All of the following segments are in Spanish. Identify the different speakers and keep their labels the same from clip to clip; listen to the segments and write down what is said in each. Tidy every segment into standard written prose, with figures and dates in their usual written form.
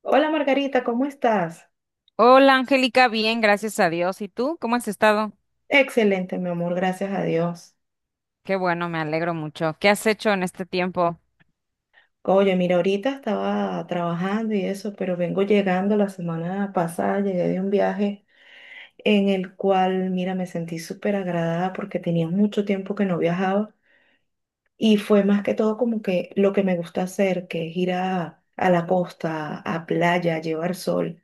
Speaker 1: Hola Margarita, ¿cómo estás?
Speaker 2: Hola Angélica, bien, gracias a Dios. ¿Y tú? ¿Cómo has estado?
Speaker 1: Excelente, mi amor, gracias a Dios.
Speaker 2: Qué bueno, me alegro mucho. ¿Qué has hecho en este tiempo?
Speaker 1: Oye, mira, ahorita estaba trabajando y eso, pero vengo llegando la semana pasada, llegué de un viaje en el cual, mira, me sentí súper agradada porque tenía mucho tiempo que no viajaba y fue más que todo como que lo que me gusta hacer, que es ir a la costa, a playa, a llevar sol.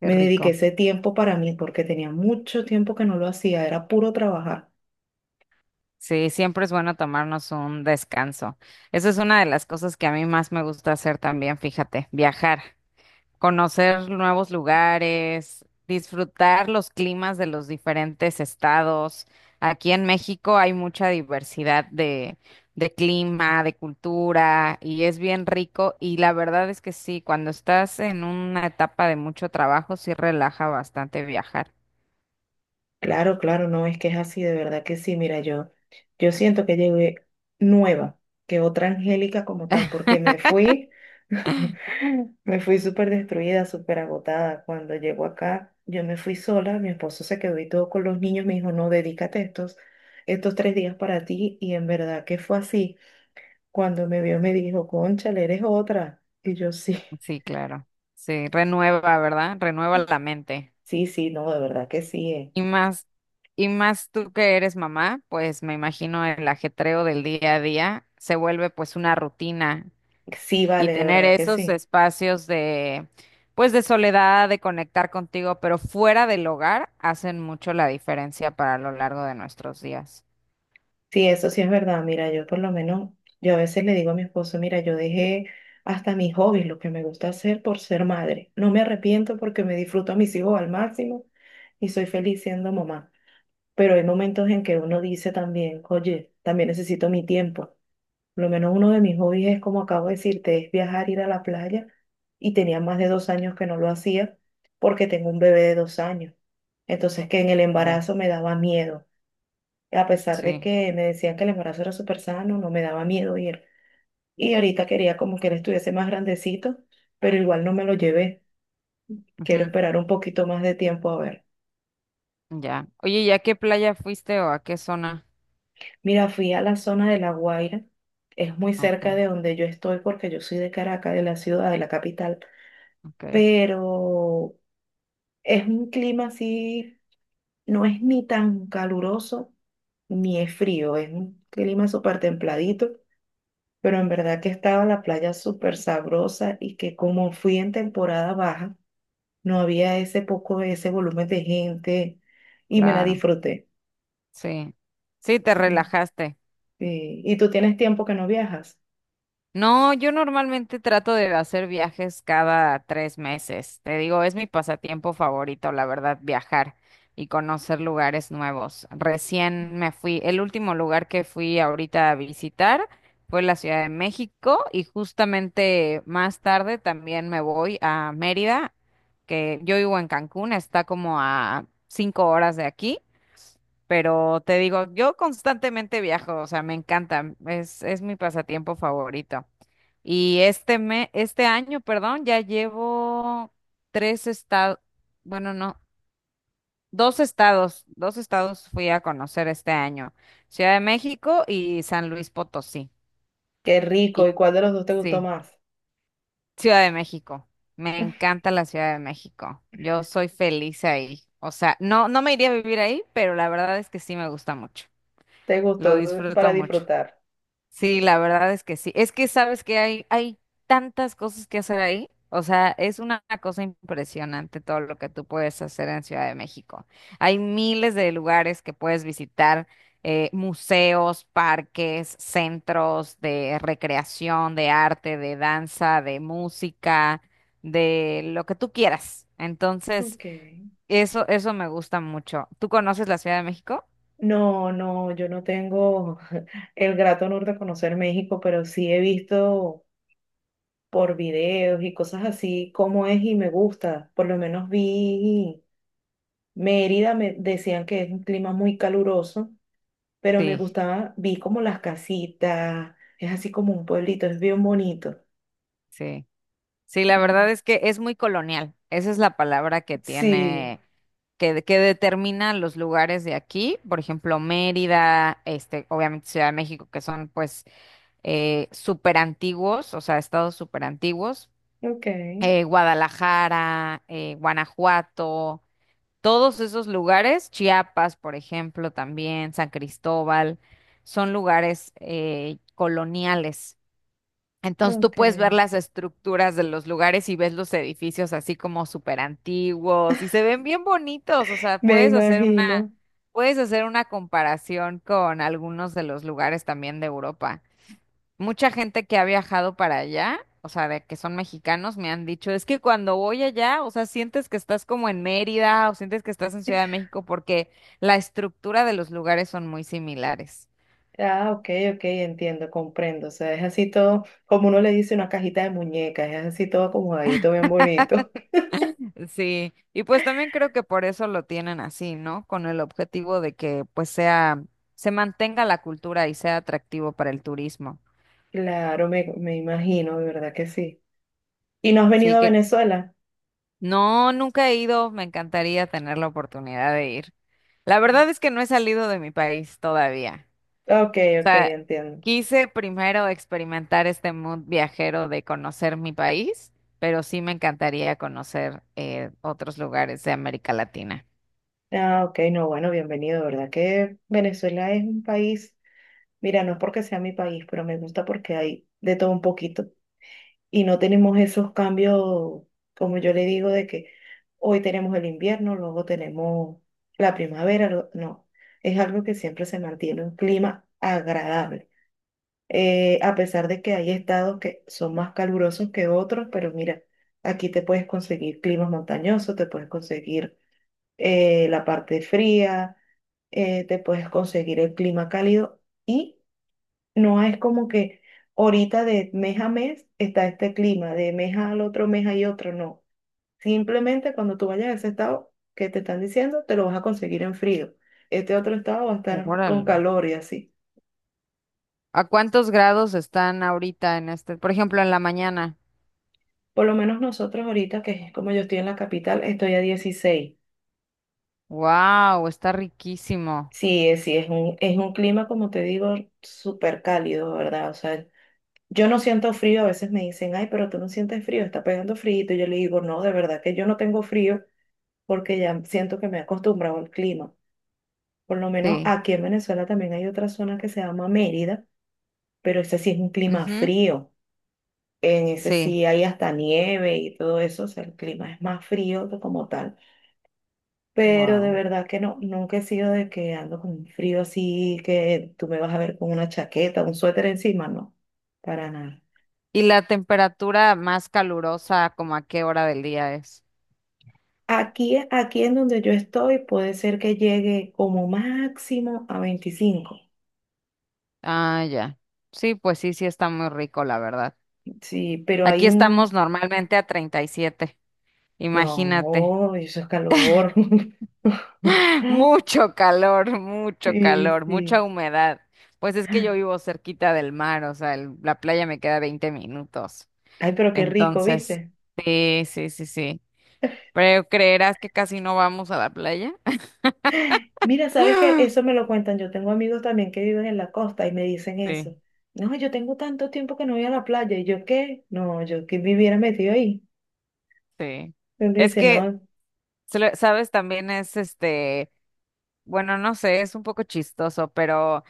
Speaker 2: Qué
Speaker 1: Me dediqué
Speaker 2: rico.
Speaker 1: ese tiempo para mí porque tenía mucho tiempo que no lo hacía, era puro trabajar.
Speaker 2: Sí, siempre es bueno tomarnos un descanso. Eso es una de las cosas que a mí más me gusta hacer también, fíjate, viajar. Conocer nuevos lugares, disfrutar los climas de los diferentes estados. Aquí en México hay mucha diversidad de clima, de cultura, y es bien rico. Y la verdad es que sí, cuando estás en una etapa de mucho trabajo, sí relaja bastante viajar.
Speaker 1: Claro, claro, no, es que es así, de verdad que sí, mira, yo siento que llegué nueva, que otra Angélica como tal, porque me fui, me fui súper destruida, súper agotada. Cuando llego acá, yo me fui sola, mi esposo se quedó y todo con los niños, me dijo, no, dedícate estos 3 días para ti, y en verdad que fue así. Cuando me vio me dijo, cónchale, eres otra, y yo sí,
Speaker 2: Sí, claro. Sí, renueva, ¿verdad? Renueva la mente.
Speaker 1: sí, sí, no, de verdad que sí,
Speaker 2: Y más, y más tú que eres mamá, pues me imagino el ajetreo del día a día se vuelve pues una rutina.
Speaker 1: sí,
Speaker 2: Y
Speaker 1: vale, de
Speaker 2: tener
Speaker 1: verdad que
Speaker 2: esos
Speaker 1: sí.
Speaker 2: espacios de, pues, de soledad, de conectar contigo, pero fuera del hogar, hacen mucho la diferencia para lo largo de nuestros días.
Speaker 1: Sí, eso sí es verdad. Mira, yo por lo menos, yo a veces le digo a mi esposo, mira, yo dejé hasta mis hobbies, lo que me gusta hacer por ser madre. No me arrepiento porque me disfruto a mis hijos al máximo y soy feliz siendo mamá. Pero hay momentos en que uno dice también, oye, también necesito mi tiempo. Por lo menos uno de mis hobbies es, como acabo de decirte, es viajar, ir a la playa. Y tenía más de 2 años que no lo hacía porque tengo un bebé de 2 años. Entonces, que en el
Speaker 2: Ya,
Speaker 1: embarazo me daba miedo a pesar de
Speaker 2: sí.
Speaker 1: que me decían que el embarazo era súper sano, no me daba miedo ir. Y ahorita quería como que él estuviese más grandecito, pero igual no me lo llevé. Quiero
Speaker 2: Ujú.
Speaker 1: esperar un poquito más de tiempo a ver.
Speaker 2: Ya. Oye, ¿y a qué playa fuiste o a qué zona?
Speaker 1: Mira, fui a la zona de La Guaira. Es muy
Speaker 2: Ok,
Speaker 1: cerca de donde yo estoy porque yo soy de Caracas, de la ciudad, de la capital.
Speaker 2: ok,
Speaker 1: Pero es un clima así, no es ni tan caluroso ni es frío. Es un clima súper templadito, pero en verdad que estaba la playa súper sabrosa y, que como fui en temporada baja, no había ese poco, ese volumen de gente y me la
Speaker 2: claro.
Speaker 1: disfruté.
Speaker 2: Sí. Sí, te
Speaker 1: Mm.
Speaker 2: relajaste.
Speaker 1: ¿Y tú tienes tiempo que no viajas?
Speaker 2: No, yo normalmente trato de hacer viajes cada 3 meses. Te digo, es mi pasatiempo favorito, la verdad, viajar y conocer lugares nuevos. Recién me fui, el último lugar que fui ahorita a visitar fue la Ciudad de México y justamente más tarde también me voy a Mérida, que yo vivo en Cancún, está como a 5 horas de aquí. Pero te digo, yo constantemente viajo, o sea, me encanta, es mi pasatiempo favorito. Y este año, perdón, ya llevo tres estados, bueno, no, dos estados fui a conocer este año, Ciudad de México y San Luis Potosí.
Speaker 1: Qué rico.
Speaker 2: Y
Speaker 1: ¿Y cuál de los dos te gustó
Speaker 2: sí,
Speaker 1: más?
Speaker 2: Ciudad de México. Me encanta la Ciudad de México. Yo soy feliz ahí. O sea, no, no me iría a vivir ahí, pero la verdad es que sí me gusta mucho.
Speaker 1: ¿Te
Speaker 2: Lo
Speaker 1: gustó
Speaker 2: disfruto
Speaker 1: para
Speaker 2: mucho.
Speaker 1: disfrutar?
Speaker 2: Sí, la verdad es que sí. Es que sabes que hay tantas cosas que hacer ahí. O sea, es una cosa impresionante todo lo que tú puedes hacer en Ciudad de México. Hay miles de lugares que puedes visitar, museos, parques, centros de recreación, de arte, de danza, de música, de lo que tú quieras. Entonces,
Speaker 1: Ok.
Speaker 2: eso me gusta mucho. ¿Tú conoces la Ciudad de México?
Speaker 1: No, no, yo no tengo el grato honor de conocer México, pero sí he visto por videos y cosas así cómo es y me gusta. Por lo menos vi Mérida, me decían que es un clima muy caluroso, pero me
Speaker 2: Sí,
Speaker 1: gustaba, vi como las casitas, es así como un pueblito, es bien bonito.
Speaker 2: sí. Sí, la
Speaker 1: Mm.
Speaker 2: verdad es que es muy colonial. Esa es la palabra que
Speaker 1: Sí,
Speaker 2: tiene, que determina los lugares de aquí. Por ejemplo, Mérida, este, obviamente Ciudad de México, que son pues súper antiguos, o sea, estados súper antiguos.
Speaker 1: ok,
Speaker 2: Guadalajara, Guanajuato, todos esos lugares, Chiapas, por ejemplo, también, San Cristóbal, son lugares coloniales. Entonces tú
Speaker 1: ok.
Speaker 2: puedes ver las estructuras de los lugares y ves los edificios así como súper antiguos y se ven bien bonitos, o sea,
Speaker 1: Me imagino.
Speaker 2: puedes hacer una comparación con algunos de los lugares también de Europa. Mucha gente que ha viajado para allá, o sea, de que son mexicanos, me han dicho, es que cuando voy allá, o sea, sientes que estás como en Mérida o sientes que estás en Ciudad de México porque la estructura de los lugares son muy similares.
Speaker 1: Ah, ok, ok, entiendo, comprendo. O sea, es así todo, como uno le dice, una cajita de muñecas, es así todo acomodadito, bien bonito.
Speaker 2: Sí, y pues también creo que por eso lo tienen así, ¿no? Con el objetivo de que pues sea, se mantenga la cultura y sea atractivo para el turismo.
Speaker 1: Claro, me imagino, de verdad que sí. ¿Y no has venido
Speaker 2: Sí,
Speaker 1: a
Speaker 2: que
Speaker 1: Venezuela?
Speaker 2: no, nunca he ido, me encantaría tener la oportunidad de ir. La verdad es que no he salido de mi país todavía.
Speaker 1: Ok,
Speaker 2: O
Speaker 1: ok,
Speaker 2: sea,
Speaker 1: entiendo.
Speaker 2: quise primero experimentar este mood viajero de conocer mi país, pero sí me encantaría conocer otros lugares de América Latina.
Speaker 1: Ah, ok, no, bueno, bienvenido, de verdad que Venezuela es un país, mira, no es porque sea mi país, pero me gusta porque hay de todo un poquito. Y no tenemos esos cambios, como yo le digo, de que hoy tenemos el invierno, luego tenemos la primavera, no, es algo que siempre se mantiene un clima agradable. A pesar de que hay estados que son más calurosos que otros, pero mira, aquí te puedes conseguir climas montañosos, te puedes conseguir la parte fría, te puedes conseguir el clima cálido. Y no es como que ahorita de mes a mes está este clima, de mes al otro mes hay otro, no. Simplemente cuando tú vayas a ese estado que te están diciendo, te lo vas a conseguir en frío. Este otro estado va a estar con
Speaker 2: Órale.
Speaker 1: calor y así.
Speaker 2: ¿A cuántos grados están ahorita en este? Por ejemplo, en la mañana.
Speaker 1: Por lo menos nosotros ahorita, que es como yo estoy en la capital, estoy a 16.
Speaker 2: Wow, está riquísimo.
Speaker 1: Sí, sí, es un, clima, como te digo, súper cálido, ¿verdad? O sea, yo no siento frío, a veces me dicen, ay, pero tú no sientes frío, está pegando frío. Y yo le digo, no, de verdad que yo no tengo frío, porque ya siento que me he acostumbrado al clima. Por lo menos
Speaker 2: Sí.
Speaker 1: aquí en Venezuela también hay otra zona que se llama Mérida, pero ese sí es un clima
Speaker 2: Ujú.
Speaker 1: frío. En ese
Speaker 2: Sí.
Speaker 1: sí hay hasta nieve y todo eso, o sea, el clima es más frío que como tal. Pero de
Speaker 2: Wow.
Speaker 1: verdad que no, nunca he sido de que ando con un frío así, que tú me vas a ver con una chaqueta, un suéter encima, no, para nada.
Speaker 2: ¿Y la temperatura más calurosa, como a qué hora del día es?
Speaker 1: Aquí en donde yo estoy puede ser que llegue como máximo a 25,
Speaker 2: Ah, ya. Sí, pues sí, sí está muy rico, la verdad.
Speaker 1: sí, pero
Speaker 2: Aquí
Speaker 1: hay
Speaker 2: estamos
Speaker 1: un,
Speaker 2: normalmente a 37. Imagínate.
Speaker 1: no, eso es calor.
Speaker 2: Mucho
Speaker 1: Sí,
Speaker 2: calor,
Speaker 1: sí.
Speaker 2: mucha humedad. Pues es que yo vivo cerquita del mar, o sea, la playa me queda 20 minutos.
Speaker 1: Ay, pero qué rico,
Speaker 2: Entonces,
Speaker 1: ¿viste?
Speaker 2: sí, sí, sí, sí. Pero creerás que casi no vamos a la playa.
Speaker 1: Mira, ¿sabes qué? Eso me lo cuentan. Yo tengo amigos también que viven en la costa y me dicen
Speaker 2: Sí,
Speaker 1: eso. No, yo tengo tanto tiempo que no voy a la playa. ¿Y yo qué? No, yo que viviera metido ahí.
Speaker 2: sí.
Speaker 1: Y me
Speaker 2: Es
Speaker 1: dice,
Speaker 2: que,
Speaker 1: no,
Speaker 2: sabes, también es este, bueno, no sé, es un poco chistoso, pero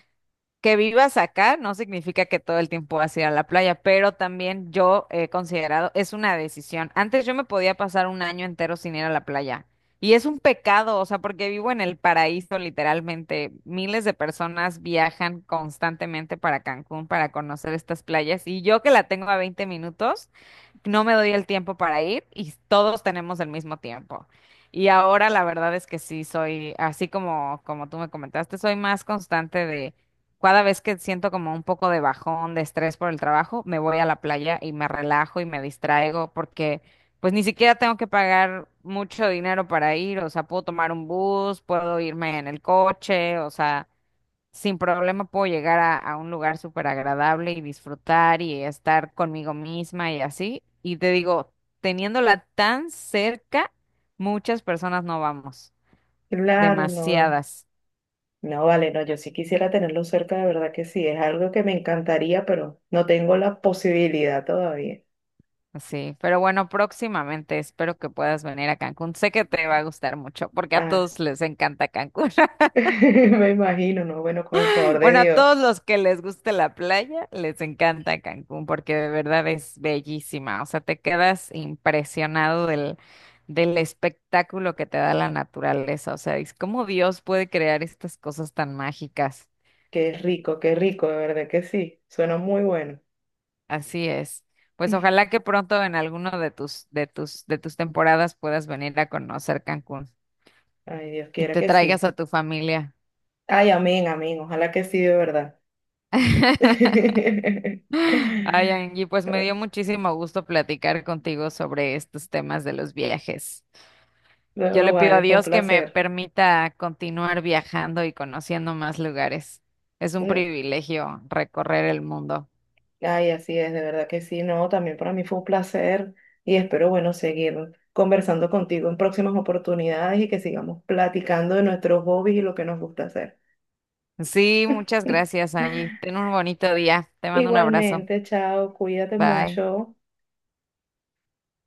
Speaker 2: que vivas acá no significa que todo el tiempo vas a ir a la playa, pero también yo he considerado, es una decisión. Antes yo me podía pasar un año entero sin ir a la playa. Y es un pecado, o sea, porque vivo en el paraíso literalmente. Miles de personas viajan constantemente para Cancún para conocer estas playas y yo que la tengo a 20 minutos no me doy el tiempo para ir y todos tenemos el mismo tiempo. Y ahora la verdad es que sí soy, así como, como tú me comentaste, soy más constante de cada vez que siento como un poco de bajón, de estrés por el trabajo, me voy a la playa y me relajo y me distraigo porque pues ni siquiera tengo que pagar mucho dinero para ir, o sea, puedo tomar un bus, puedo irme en el coche, o sea, sin problema puedo llegar a un lugar súper agradable y disfrutar y estar conmigo misma y así. Y te digo, teniéndola tan cerca, muchas personas no vamos,
Speaker 1: claro, no.
Speaker 2: demasiadas,
Speaker 1: No, vale, no, yo sí quisiera tenerlo cerca, de verdad que sí. Es algo que me encantaría, pero no tengo la posibilidad todavía.
Speaker 2: así. Pero bueno, próximamente espero que puedas venir a Cancún. Sé que te va a gustar mucho porque a
Speaker 1: Ah,
Speaker 2: todos les encanta Cancún.
Speaker 1: me imagino, no, bueno, con el favor de
Speaker 2: Bueno, a
Speaker 1: Dios.
Speaker 2: todos los que les guste la playa, les encanta Cancún porque de verdad es bellísima. O sea, te quedas impresionado del, del espectáculo que te da la naturaleza. O sea, es cómo Dios puede crear estas cosas tan mágicas.
Speaker 1: Qué rico, de verdad que sí. Suena muy bueno.
Speaker 2: Así es. Pues ojalá que pronto en alguno de tus temporadas puedas venir a conocer Cancún
Speaker 1: Ay, Dios
Speaker 2: y
Speaker 1: quiera
Speaker 2: te
Speaker 1: que
Speaker 2: traigas
Speaker 1: sí.
Speaker 2: a tu familia.
Speaker 1: Ay, amén, amén. Ojalá que sí, de verdad.
Speaker 2: Ay, Angie, pues me dio muchísimo gusto platicar contigo sobre estos temas de los viajes. Yo
Speaker 1: No,
Speaker 2: le pido a
Speaker 1: vale, fue un
Speaker 2: Dios que me
Speaker 1: placer.
Speaker 2: permita continuar viajando y conociendo más lugares. Es un
Speaker 1: No,
Speaker 2: privilegio recorrer el mundo.
Speaker 1: ay, así es, de verdad que sí. No, también para mí fue un placer y espero, bueno, seguir conversando contigo en próximas oportunidades y que sigamos platicando de nuestros hobbies y lo que nos gusta hacer.
Speaker 2: Sí, muchas gracias, Angie. Ten un bonito día. Te mando un abrazo.
Speaker 1: Igualmente, chao, cuídate
Speaker 2: Bye.
Speaker 1: mucho.